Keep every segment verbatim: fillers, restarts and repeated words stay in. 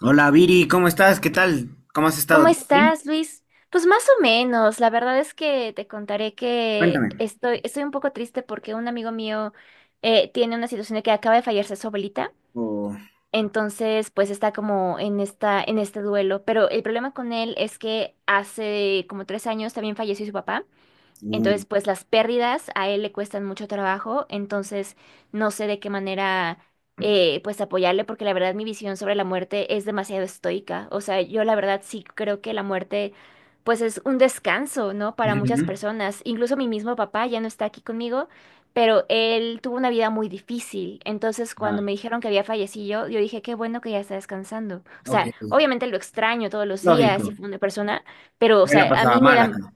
Hola Viri, ¿cómo estás? ¿Qué tal? ¿Cómo has estado? ¿Cómo ¿Todo bien? estás, Luis? Pues más o menos, la verdad es que te contaré que Cuéntame. estoy, estoy un poco triste porque un amigo mío eh, tiene una situación de que acaba de fallarse su abuelita, Oh, entonces pues está como en esta, en este duelo, pero el problema con él es que hace como tres años también falleció su papá. Entonces, uh, pues las pérdidas a él le cuestan mucho trabajo, entonces no sé de qué manera eh, pues apoyarle, porque la verdad mi visión sobre la muerte es demasiado estoica. O sea, yo la verdad sí creo que la muerte pues es un descanso, ¿no? Para muchas ujú. personas. Incluso mi mismo papá ya no está aquí conmigo, pero él tuvo una vida muy difícil. Entonces, Ah, cuando me dijeron que había fallecido, yo dije, qué bueno que ya está descansando. O ok. sea, obviamente lo extraño todos los días y Lógico. fue una persona, pero o Me la sea, a pasaba mí me mal da... acá.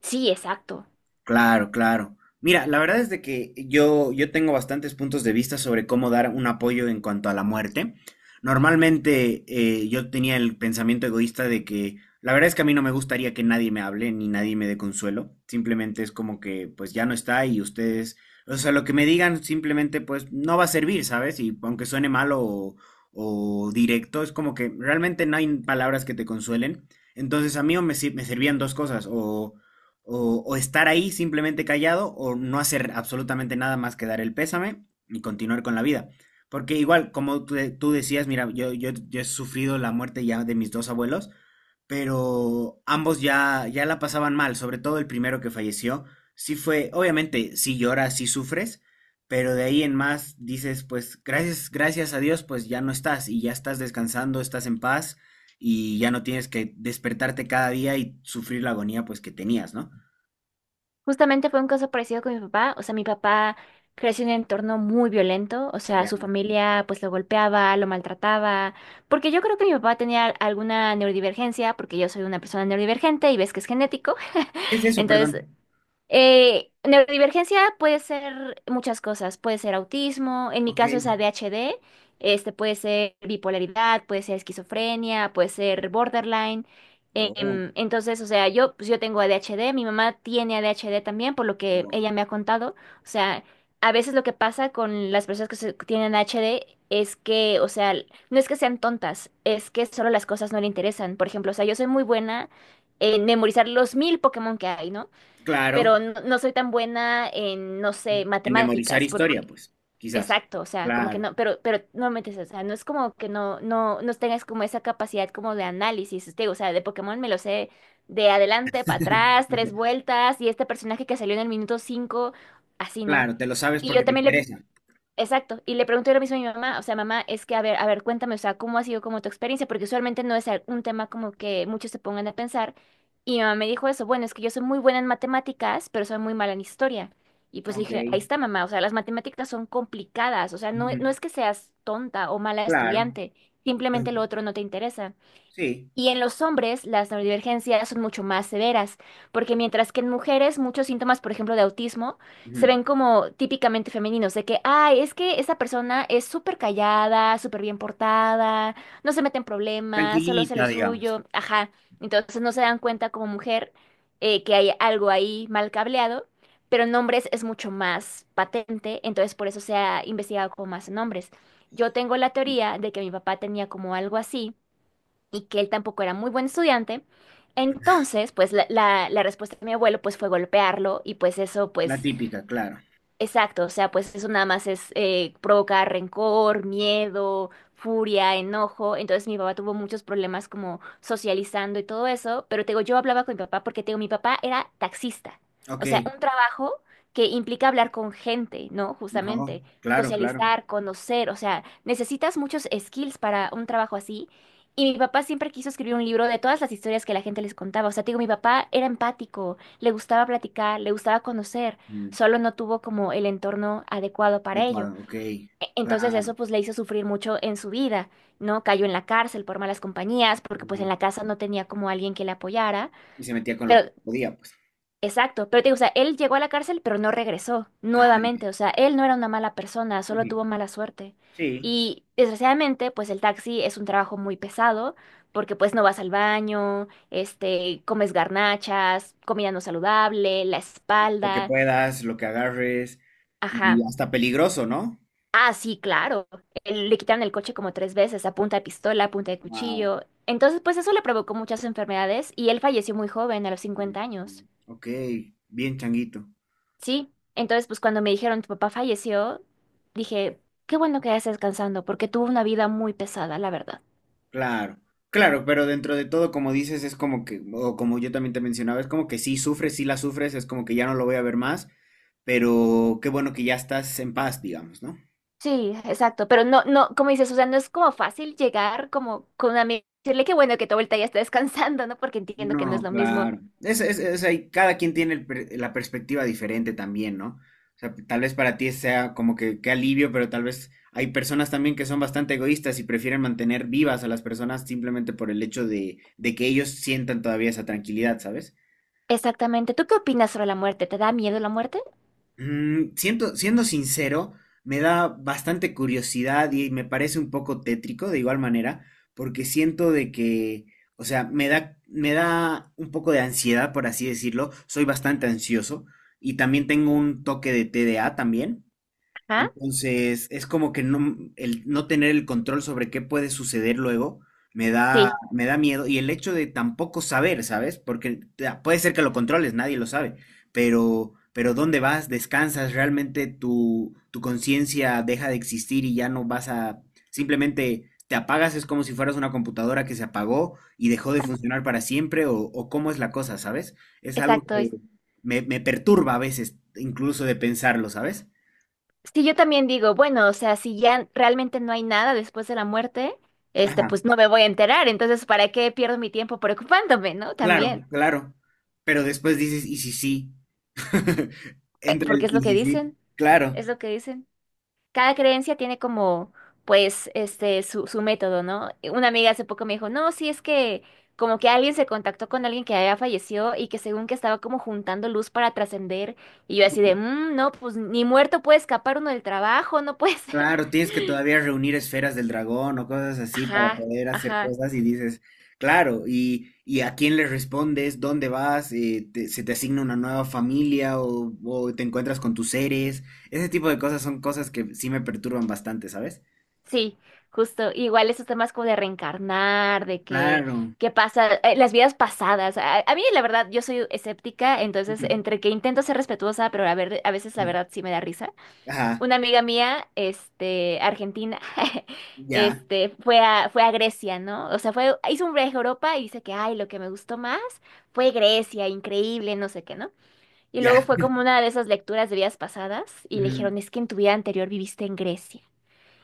Sí, exacto. Claro, claro. Mira, la verdad es de que yo, yo tengo bastantes puntos de vista sobre cómo dar un apoyo en cuanto a la muerte. Normalmente eh, yo tenía el pensamiento egoísta de que la verdad es que a mí no me gustaría que nadie me hable ni nadie me dé consuelo. Simplemente es como que pues ya no está y ustedes, o sea, lo que me digan simplemente pues no va a servir, ¿sabes? Y aunque suene malo o, o directo, es como que realmente no hay palabras que te consuelen. Entonces a mí o me, sir- me servían dos cosas, o o, o estar ahí simplemente callado o no hacer absolutamente nada más que dar el pésame y continuar con la vida. Porque igual, como tú, de- tú decías, mira, yo, yo, yo he sufrido la muerte ya de mis dos abuelos, pero ambos ya, ya la pasaban mal, sobre todo el primero que falleció. Sí fue, obviamente, sí lloras, sí sufres, pero de ahí en más dices, pues gracias, gracias a Dios, pues ya no estás y ya estás descansando, estás en paz y ya no tienes que despertarte cada día y sufrir la agonía pues que tenías, ¿no? Justamente fue un caso parecido con mi papá. O sea, mi papá creció en un entorno muy violento. O sea, su Ya. familia pues lo golpeaba, lo maltrataba. Porque yo creo que mi papá tenía alguna neurodivergencia, porque yo soy una persona neurodivergente y ves que es genético. ¿Qué es eso? Entonces, Perdón. eh, neurodivergencia puede ser muchas cosas, puede ser autismo, en mi Ok. caso es A D H D, este puede ser bipolaridad, puede ser esquizofrenia, puede ser borderline. Oh, em, Entonces, o sea, yo pues yo tengo A D H D, mi mamá tiene A D H D también, por lo que oh. ella me ha contado. O sea, a veces lo que pasa con las personas que se- que tienen A D H D es que, o sea, no es que sean tontas, es que solo las cosas no le interesan. Por ejemplo, o sea, yo soy muy buena en memorizar los mil Pokémon que hay, ¿no? Claro. Pero no, no soy tan buena en, no sé, En memorizar matemáticas, historia, porque, pues. Quizás. exacto, o sea, como que Claro. no, pero, pero no me metes, o sea, no es como que no, no, no tengas como esa capacidad como de análisis, te digo, o sea, de Pokémon me lo sé de adelante para atrás, tres vueltas, y este personaje que salió en el minuto cinco, así, ¿no? Claro, te lo sabes Y yo porque te también le, interesa. exacto, y le pregunté lo mismo a mi mamá, o sea, mamá, es que, a ver, a ver, cuéntame, o sea, ¿cómo ha sido como tu experiencia? Porque usualmente no es al- un tema como que muchos se pongan a pensar, y mi mamá me dijo eso, bueno, es que yo soy muy buena en matemáticas, pero soy muy mala en historia, y pues le Ok. dije, ahí está, mamá, o sea, las matemáticas son complicadas, o sea, no, Ujú. no es que seas tonta o mala Claro. estudiante, Pues, simplemente lo otro no te interesa. sí. Y en los hombres, las neurodivergencias son mucho más severas, porque mientras que en mujeres muchos síntomas, por ejemplo, de autismo, se Ujú. ven como típicamente femeninos, de que, ay, es que esa persona es súper callada, súper bien portada, no se mete en problemas, solo hace lo Tranquilita, digamos. suyo, ajá. Entonces no se dan cuenta como mujer eh, que hay algo ahí mal cableado, pero en hombres es mucho más patente, entonces por eso se ha investigado como más en hombres. Yo tengo la teoría de que mi papá tenía como algo así y que él tampoco era muy buen estudiante. Entonces, pues la, la- la respuesta de mi abuelo pues fue golpearlo y pues eso La pues típica, claro. exacto, o sea, pues eso nada más es eh, provocar rencor, miedo, furia, enojo. Entonces mi papá tuvo muchos problemas como socializando y todo eso, pero te digo, yo hablaba con mi papá porque te digo, mi papá era taxista, Ok. o sea, un trabajo que implica hablar con gente, ¿no? No, Justamente, claro, claro. socializar, conocer, o sea, necesitas muchos skills para un trabajo así. Y mi papá siempre quiso escribir un libro de todas las historias que la gente les contaba. O sea, te digo, mi papá era empático, le gustaba platicar, le gustaba conocer, Mm, solo no tuvo como el entorno adecuado de para ello. cuadro, ok. E- Entonces eso Claro. pues le hizo sufrir mucho en su vida, ¿no? Cayó en la cárcel por malas compañías, porque pues en Ujú. la casa no tenía como alguien que le apoyara, Y se metía con lo pero... que podía, pues. Exacto, pero te digo, o sea, él llegó a la cárcel, pero no regresó Ah, ya. nuevamente, o sea, él no era una mala persona, solo tuvo Ujú. mala suerte. Sí. Y desgraciadamente, pues el taxi es un trabajo muy pesado, porque pues no vas al baño, este, comes garnachas, comida no saludable, la Lo que espalda, puedas, lo que agarres. Y ajá. hasta peligroso, ¿no? Ah, sí, claro. Él- Le quitaron el coche como tres veces, a punta de pistola, a punta de Wow. cuchillo. Entonces, pues eso le provocó muchas enfermedades y él falleció muy joven, a los cincuenta años. Ok, bien changuito. Sí, entonces, pues cuando me dijeron tu papá falleció, dije, qué bueno que ya estés descansando, porque tuvo una vida muy pesada, la verdad. Claro, claro, pero dentro de todo, como dices, es como que, o como yo también te mencionaba, es como que sí sufres, sí la sufres, es como que ya no lo voy a ver más, pero qué bueno que ya estás en paz, digamos, ¿no? Sí, exacto, pero no, no, como dices, o sea, no es como fácil llegar como con una amiga y decirle qué bueno que tu vuelta ya está descansando, ¿no? Porque entiendo que no es No, lo mismo. claro. Es, es, es ahí, cada quien tiene el per- la perspectiva diferente también, ¿no? O sea, tal vez para ti sea como que qué alivio, pero tal vez hay personas también que son bastante egoístas y prefieren mantener vivas a las personas simplemente por el hecho de, de que ellos sientan todavía esa tranquilidad, ¿sabes? Exactamente. ¿Tú qué opinas sobre la muerte? ¿Te da miedo la muerte? Mm, siento- siendo sincero, me da bastante curiosidad y me parece un poco tétrico de igual manera, porque siento de que, o sea, me da, me da un poco de ansiedad, por así decirlo. Soy bastante ansioso y también tengo un toque de T D A también. Ajá. Entonces, es como que no, el no tener el control sobre qué puede suceder luego me da, Sí, me da miedo. Y el hecho de tampoco saber, ¿sabes? Porque te- puede ser que lo controles, nadie lo sabe. Pero, pero ¿dónde vas? ¿Descansas? ¿Realmente tu, tu conciencia deja de existir y ya no vas a... Simplemente te apagas, es como si fueras una computadora que se apagó y dejó de funcionar para siempre o, o cómo es la cosa, ¿sabes? Es algo exacto. que me, me perturba a veces, incluso de pensarlo, ¿sabes? Sí, yo también digo, bueno, o sea, si ya realmente no hay nada después de la muerte, este, Ajá. pues no me voy a enterar, entonces, ¿para qué pierdo mi tiempo preocupándome, no? Claro, También, claro. Pero después dices, ¿y si sí? Eh, entre porque el, es lo ¿y que si dicen, sí? Claro, es lo que dicen. Cada creencia tiene como, pues, este, su, su método, ¿no? Una amiga hace poco me dijo, no, sí, es que como que alguien se contactó con alguien que había fallecido y que según que estaba como juntando luz para trascender, y yo así de, "Mm, no, pues ni muerto puede escapar uno del trabajo, no puede ser." claro, tienes que todavía reunir esferas del dragón o cosas así para Ajá, poder hacer ajá. cosas y dices, claro, y, y a quién le respondes, dónde vas. Eh, te- se te asigna una nueva familia o, o te encuentras con tus seres. Ese tipo de cosas son cosas que sí me perturban bastante, ¿sabes? Sí, justo. Igual esos temas como de reencarnar, de que, Claro. qué pasa, eh, las vidas pasadas. A, a mí, la verdad, yo soy escéptica, entonces Ujú. entre que intento ser respetuosa, pero a ver, a veces la verdad sí me da risa. Ajá, Una amiga mía, este, argentina, ya, este, fue a, fue a Grecia, ¿no? O sea, fue, hizo un viaje a Europa y dice que, ay, lo que me gustó más fue Grecia, increíble, no sé qué, ¿no? Y luego ya. fue como una de esas lecturas de vidas pasadas y le dijeron, Ujú. es que en tu vida anterior viviste en Grecia.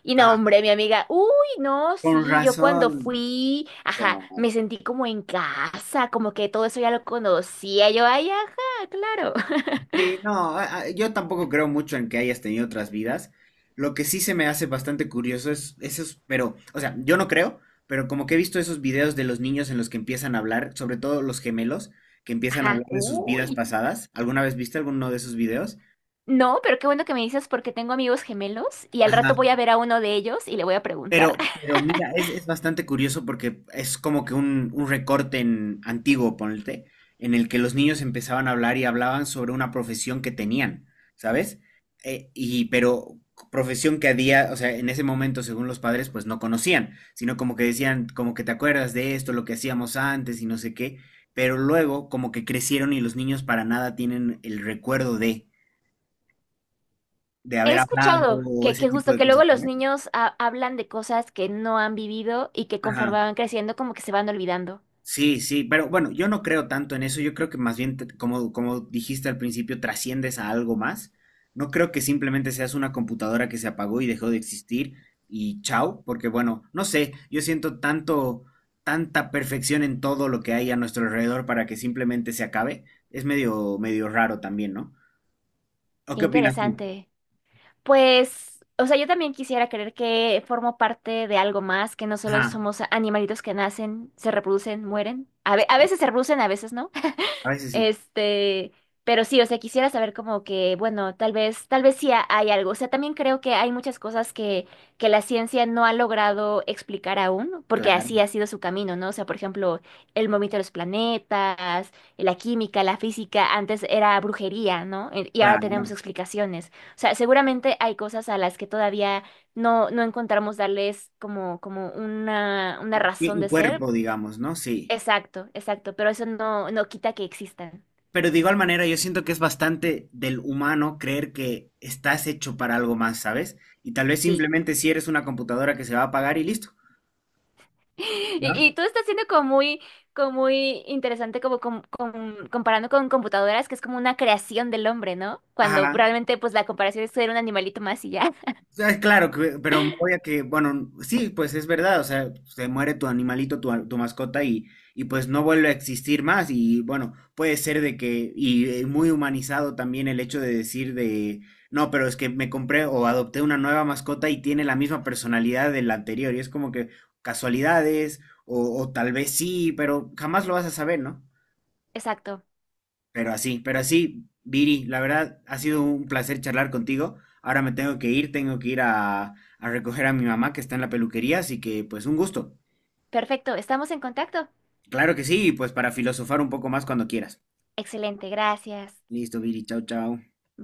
Y no, Ah, hombre, mi amiga, uy, no, con sí, yo cuando razón. fui, ajá, Claro. me sentí como en casa, como que todo eso ya lo conocía, yo, ay, ajá, claro, Sí, no, a- a- yo tampoco creo mucho en que hayas tenido otras vidas. Lo que sí se me hace bastante curioso es esos, pero, o sea, yo no creo, pero como que he visto esos videos de los niños en los que empiezan a hablar, sobre todo los gemelos, que empiezan a ajá, hablar de sus vidas uy. pasadas. ¿Alguna vez viste alguno de esos videos? No, pero qué bueno que me dices porque tengo amigos gemelos y al rato Ajá. voy a ver a uno de ellos y le voy a Pero, preguntar. pero mira, es, es bastante curioso porque es como que un, un recorte en, antiguo, ponte, en el que los niños empezaban a hablar y hablaban sobre una profesión que tenían, ¿sabes? Eh, y pero profesión que a día, o sea, en ese momento, según los padres, pues no conocían, sino como que decían, como que te acuerdas de esto, lo que hacíamos antes y no sé qué, pero luego como que crecieron y los niños para nada tienen el recuerdo de, de He haber hablado escuchado o que, ese que tipo justo de que cosas, luego los ¿sabes? niños ha- hablan de cosas que no han vivido y que Ajá. conforme van creciendo como que se van olvidando. Sí, sí, pero bueno, yo no creo tanto en eso, yo creo que más bien, te- como, como dijiste al principio, trasciendes a algo más. No creo que simplemente seas una computadora que se apagó y dejó de existir y chao, porque bueno, no sé, yo siento tanto, tanta perfección en todo lo que hay a nuestro alrededor para que simplemente se acabe. Es medio, medio raro también, ¿no? ¿O Qué qué opinas tú? interesante. Pues, o sea, yo también quisiera creer que formo parte de algo más, que no solo Ajá, somos animalitos que nacen, se reproducen, mueren. A ve- a veces se reproducen, a veces no. a veces sí, Este, pero sí, o sea, quisiera saber como que, bueno, tal vez, tal vez sí ha- hay algo. O sea, también creo que hay muchas cosas que, que la ciencia no ha logrado explicar aún, porque claro, así ha sido su camino, ¿no? O sea, por ejemplo, el movimiento de los planetas, la química, la física, antes era brujería, ¿no? Y y ahora tenemos claro. explicaciones. O sea, seguramente hay cosas a las que todavía no, no encontramos darles como, como una, una Y razón un de ser. cuerpo, digamos, ¿no? Sí. Exacto, exacto, pero eso no, no quita que existan. Pero de igual manera, yo siento que es bastante del humano creer que estás hecho para algo más, ¿sabes? Y tal vez Sí. simplemente si eres una computadora que se va a apagar y listo, Y, y ¿no? todo está siendo como muy, como muy interesante, como com- com- comparando con computadoras, que es como una creación del hombre, ¿no? Cuando Ajá. realmente, pues la comparación es ser un animalito más y ya. Sea, claro, que- pero me voy a que, bueno, sí, pues es verdad, o sea, se muere tu animalito, tu, a- tu mascota y, y pues no vuelve a existir más y bueno, puede ser de que, y eh, muy humanizado también el hecho de decir de, no, pero es que me compré o adopté una nueva mascota y tiene la misma personalidad de la anterior y es como que casualidades o, o tal vez sí, pero jamás lo vas a saber, ¿no? Exacto. Pero así, pero así, Viri, la verdad ha sido un placer charlar contigo. Ahora me tengo que ir, tengo que ir a, a recoger a mi mamá que está en la peluquería, así que pues un gusto. Perfecto. Estamos en contacto. Claro que sí, y pues para filosofar un poco más cuando quieras. Excelente. Gracias. Listo, Viri, chao, chao.